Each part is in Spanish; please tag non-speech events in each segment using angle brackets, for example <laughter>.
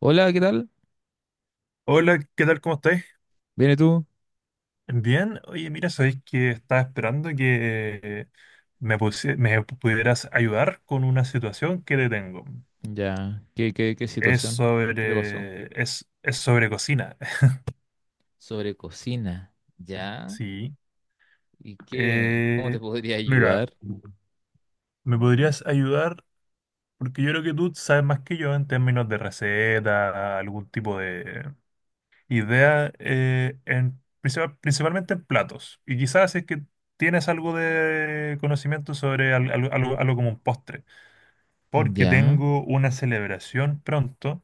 Hola, ¿qué tal? Hola, ¿qué tal? ¿Cómo estáis? ¿Viene tú? Bien, oye, mira, sabéis que estaba esperando que me pudieras ayudar con una situación que te tengo. Ya, ¿qué situación? ¿Qué te pasó? Es sobre cocina. <laughs> Sobre cocina, ¿ya? Sí. ¿Y qué? ¿Cómo te <laughs> Eh, podría mira, ayudar? ¿me podrías ayudar? Porque yo creo que tú sabes más que yo en términos de receta, algún tipo de idea, principalmente en platos. Y quizás si es que tienes algo de conocimiento sobre algo como un postre, porque Ya, tengo una celebración pronto.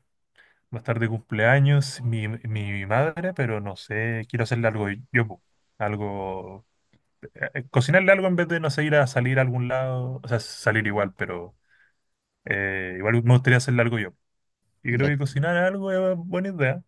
Va a estar de cumpleaños mi madre, pero no sé, quiero hacerle algo yo, po. Algo, cocinarle algo en vez de, no sé, ir a salir a algún lado, o sea, salir igual, pero igual me gustaría hacerle algo yo. Y creo ya, que cocinar algo es buena idea.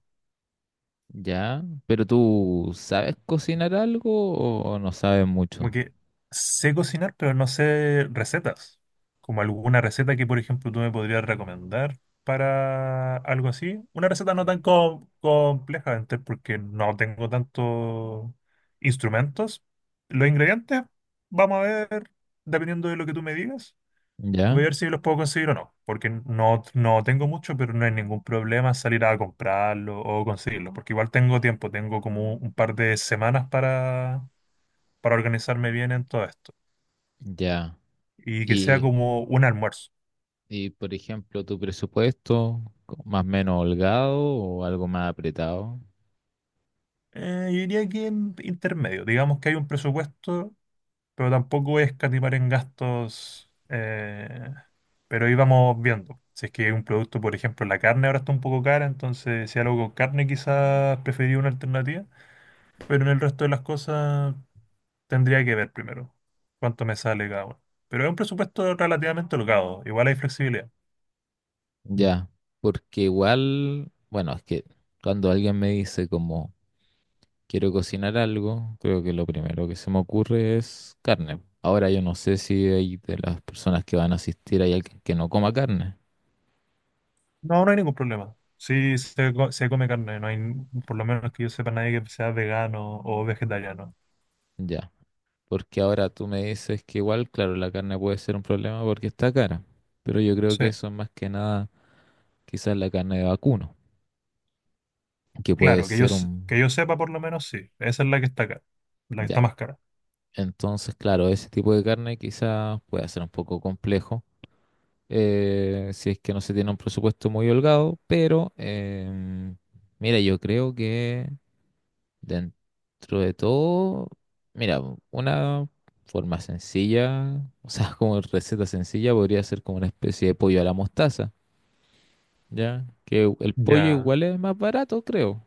ya. Pero tú sabes cocinar algo o no sabes Como mucho, que sé cocinar, pero no sé recetas. Como alguna receta que, por ejemplo, tú me podrías recomendar para algo así. Una receta no tan compleja, porque no tengo tantos instrumentos. Los ingredientes, vamos a ver, dependiendo de lo que tú me digas, ¿ya? voy a ver si los puedo conseguir o no. Porque no tengo mucho, pero no hay ningún problema salir a comprarlo o conseguirlo. Porque igual tengo tiempo, tengo como un par de semanas para organizarme bien en todo esto Ya. y que sea Y, como un almuerzo. y por ejemplo, tu presupuesto, más o menos holgado o algo más apretado, Yo diría que en intermedio, digamos que hay un presupuesto, pero tampoco voy a escatimar en gastos, pero ahí vamos viendo. Si es que hay un producto, por ejemplo, la carne ahora está un poco cara, entonces si algo con carne quizás preferiría una alternativa, pero en el resto de las cosas tendría que ver primero cuánto me sale cada uno. Pero es un presupuesto relativamente holgado, igual hay flexibilidad. ya. Porque igual, bueno, es que cuando alguien me dice como quiero cocinar algo, creo que lo primero que se me ocurre es carne. Ahora yo no sé si hay de las personas que van a asistir hay alguien que no coma carne, No, no hay ningún problema. Sí, se come carne, no hay, por lo menos que yo sepa, nadie que sea vegano o vegetariano. ya. Porque ahora tú me dices que igual, claro, la carne puede ser un problema porque está cara. Pero yo creo Sí, que eso es más que nada quizás la carne de vacuno, que puede claro, ser que un... yo sepa, por lo menos sí. Esa es la que está acá, la que está ya. más cara. Entonces, claro, ese tipo de carne quizás pueda ser un poco complejo, si es que no se tiene un presupuesto muy holgado, mira, yo creo que dentro de todo, mira, una forma sencilla, <laughs> o sea, como receta sencilla podría ser como una especie de pollo a la mostaza, ¿ya? Que el pollo Ya. igual es más barato, creo,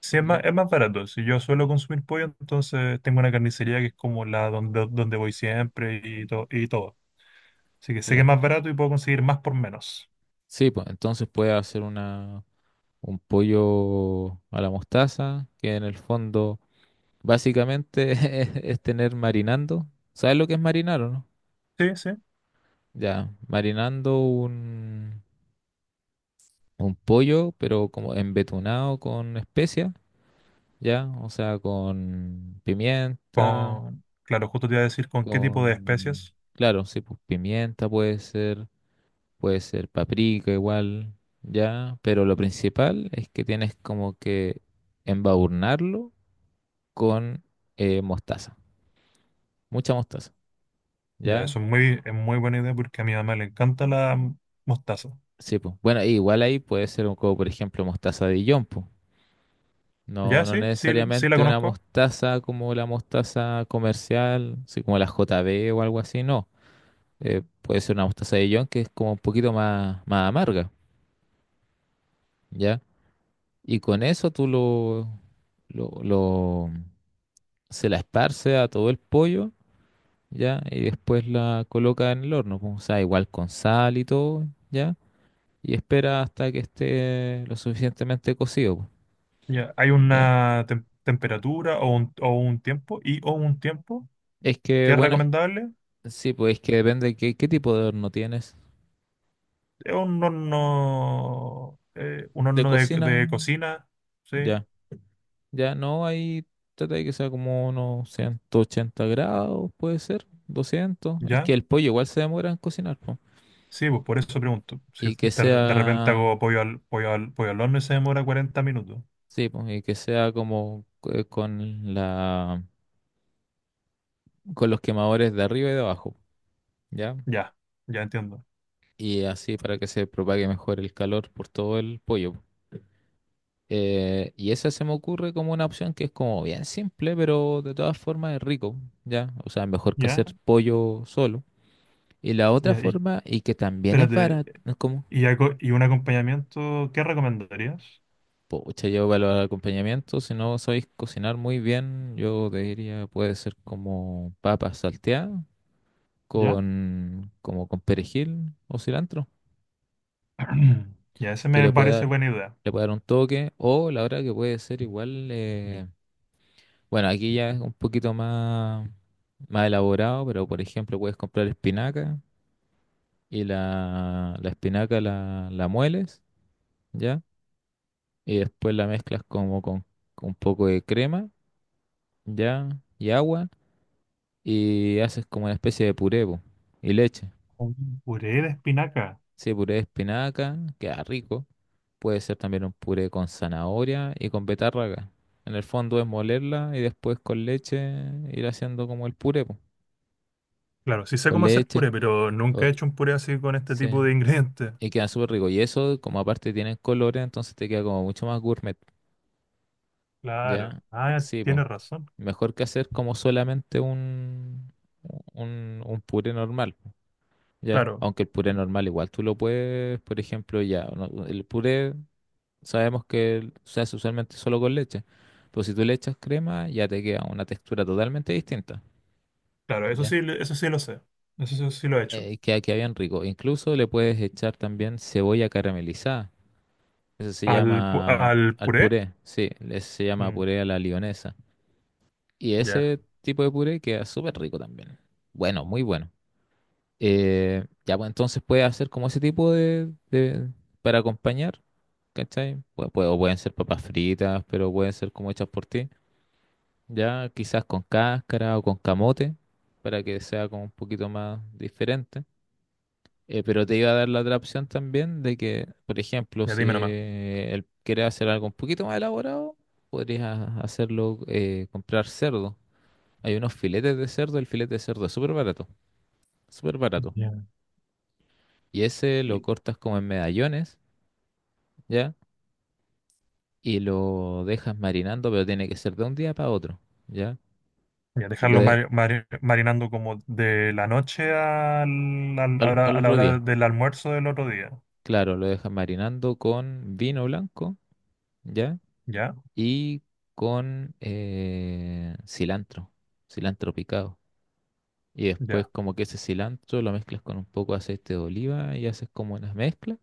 Sí, ¿ya? es más barato. Si yo suelo consumir pollo, entonces tengo una carnicería que es como la donde voy siempre y, y todo. Así que sé que es Claro. más barato y puedo conseguir más por menos. Sí, pues entonces puede hacer un pollo a la mostaza, que en el fondo... Básicamente <laughs> es tener marinando. ¿Sabes lo que es marinar o no? Sí, sí. Ya, marinando un pollo, pero como embetunado con especias, ya, o sea, con pimienta, Con, claro, justo te iba a decir con qué tipo de con... especias. Claro, sí, pues pimienta puede ser paprika igual, ya, pero lo principal es que tienes como que embadurnarlo con mostaza, mucha mostaza, Ya, ya. eso es es muy buena idea porque a mi mamá le encanta la mostaza. Sí, pues. Bueno, igual ahí puede ser un como, por ejemplo, mostaza de Dijon, po. No, Ya, no sí, sí, sí la necesariamente una conozco. mostaza como la mostaza comercial, así como la JB o algo así, no. Puede ser una mostaza de Dijon que es como un poquito más, más amarga, ¿ya? Y con eso tú lo, lo- se la esparce a todo el pollo, ¿ya? Y después la coloca en el horno, po. O sea, igual con sal y todo, ¿ya? Y espera hasta que esté lo suficientemente cocido, po, Ya, hay ¿ya? una temperatura o un tiempo y o un tiempo Es que, que es bueno, recomendable. sí, pues es que depende de qué tipo de horno tienes. Es un ¿De horno cocina? de cocina, sí, Ya, ya, no, ahí trata de que sea como unos 180 grados, puede ser, 200. Es ya. que el pollo igual se demora en cocinar, pues. Sí, pues por eso pregunto. Si Y que de repente sea, hago pollo al horno y se demora 40 minutos. sí, pues, y que sea como con con los quemadores de arriba y de abajo, ¿ya? Ya, ya entiendo. Y así para que se propague mejor el calor por todo el pollo. Y esa se me ocurre como una opción que es como bien simple, pero de todas formas es rico, ¿ya? O sea, mejor que Ya, hacer pollo solo. Y la otra ya, y forma, y que también es espérate, barata, no es como, y, y un acompañamiento, ¿qué recomendarías? pucha, yo para los acompañamientos, si no sabéis cocinar muy bien, yo te diría puede ser como papa salteada ¿Ya? con, como con perejil o cilantro, <clears throat> Ya, ese que me parece buena idea. le puede dar un toque, o la otra que puede ser igual... bueno, aquí ya es un poquito más, más elaborado, pero por ejemplo puedes comprar espinaca y la espinaca la mueles, ¿ya? Y después la mezclas como con un poco de crema, ¿ya? Y agua y haces como una especie de puré, po, y leche. Un puré de espinaca. Sí, puré de espinaca, queda rico. Puede ser también un puré con zanahoria y con betarraga. En el fondo es molerla y después con leche ir haciendo como el puré, po, Claro, sí sé con cómo hacer leche. puré, pero o- nunca he hecho un puré así con este Sí. tipo de ingredientes. Y queda súper rico. Y eso, como aparte tienen colores, entonces te queda como mucho más gourmet. Claro. Ya, Ah, sí, pues. tienes razón. Mejor que hacer como solamente un puré normal, po. Ya, Claro, aunque el puré normal igual tú lo puedes, por ejemplo, ya. El puré sabemos que se hace usualmente solo con leche. Pero si tú le echas crema, ya te queda una textura totalmente distinta. claro, Ya, eso sí lo sé. Eso sí, sí lo he hecho. Queda, queda bien rico. Incluso le puedes echar también cebolla caramelizada. Ese se ¿Al, llama al al puré? puré, sí, ese se llama Mm, puré a la lionesa. Y ya, ese tipo de puré queda súper rico también. Bueno, muy bueno. Ya, pues entonces puede hacer como ese tipo de, para acompañar, ¿cachai? O pueden ser papas fritas, pero pueden ser como hechas por ti. Ya, quizás con cáscara o con camote, para que sea como un poquito más diferente. Pero te iba a dar la otra opción también de que, por ejemplo, ya si dime nomás. él quiere hacer algo un poquito más elaborado, podrías hacerlo, comprar cerdo. Hay unos filetes de cerdo, el filete de cerdo es súper barato, súper barato. Ya. Y ese lo Y, cortas como en medallones, ¿ya? Y lo dejas marinando, pero tiene que ser de un día para otro, ¿ya? ya, Lo dejarlo de- marinando como de la noche a al a la otro hora día, del almuerzo del otro día. claro, lo dejas marinando con vino blanco, ¿ya?, ¿Ya? y con cilantro, cilantro picado. Y después Ya. como que ese cilantro lo mezclas con un poco de aceite de oliva y haces como una mezcla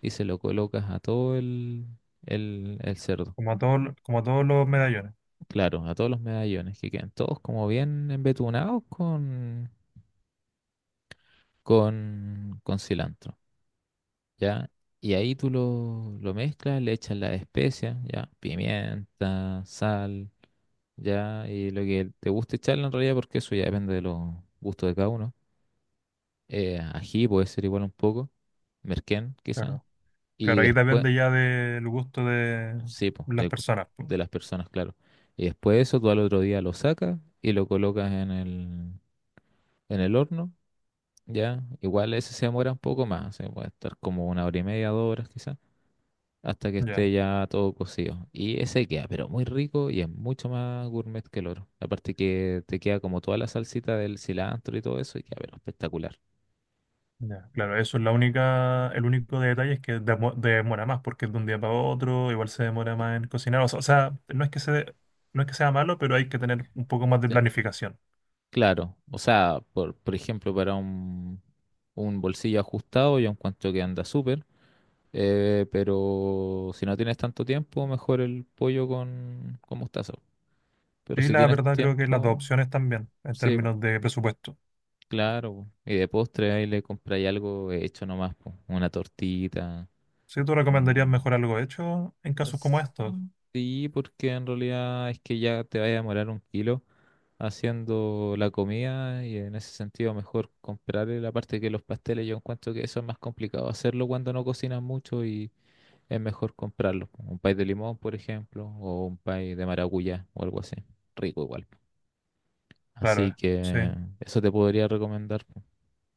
y se lo colocas a todo el cerdo. Como a todos los medallones. Claro, a todos los medallones que quedan todos como bien embetunados con cilantro, ¿ya? Y ahí tú lo mezclas, le echas las especias, ¿ya? Pimienta, sal, ya, y lo que te guste echarle en realidad, porque eso ya depende de los gustos de cada uno. Ají puede ser igual un poco, merquén quizá, Claro. y Claro, ahí después, depende ya del gusto de sí, pues, las de, personas. Po. de las personas, claro. Y después de eso, tú al otro día lo sacas y lo colocas en en el horno, ya. Igual ese se demora un poco más, se puede estar como una hora y media, 2 horas quizá, hasta que Ya, esté ya todo cocido. Y ese queda, pero muy rico y es mucho más gourmet que el oro. Aparte que te queda como toda la salsita del cilantro y todo eso y queda, pero espectacular. ya. Claro, eso es la única, el único detalle es que demora más, porque es de un día para otro, igual se demora más en cocinar. O sea, no es que se, no es que sea malo, pero hay que tener un poco más de Sí. planificación. Claro, o sea, por ejemplo, para un bolsillo ajustado yo encuentro que anda súper, pero si no tienes tanto tiempo, mejor el pollo con mostaza. Pero Y si la tienes verdad creo que las dos tiempo, opciones también, en sí, po, términos de presupuesto. claro, po. Y de postre ahí le compráis algo hecho nomás, po, una tortita. Sí, tú recomendarías Mm. mejor algo hecho en casos como Es- estos. Mm. sí, porque en realidad es que ya te vaya a demorar un kilo haciendo la comida y en ese sentido mejor comprar la parte que los pasteles. Yo encuentro que eso es más complicado hacerlo cuando no cocinas mucho y es mejor comprarlo. Un pay de limón, por ejemplo, o un pay de maracuyá o algo así. Rico igual. Así Claro, sí. que eso te podría recomendar, po,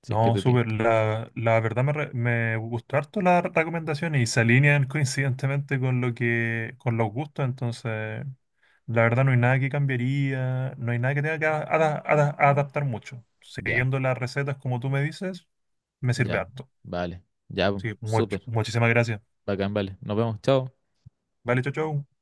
si es que No, te súper. tinca. La verdad me gustó harto la recomendación y se alinean <laughs> coincidentemente con lo que, con los gustos, entonces la verdad no hay nada que cambiaría, no hay nada que tenga que adaptar mucho. Ya, Siguiendo las recetas como tú me dices, me sirve ya, harto. vale. Ya, po, Sí, súper. muchísimas gracias. Bacán, vale. Nos vemos. Chao. Vale, chau, chau.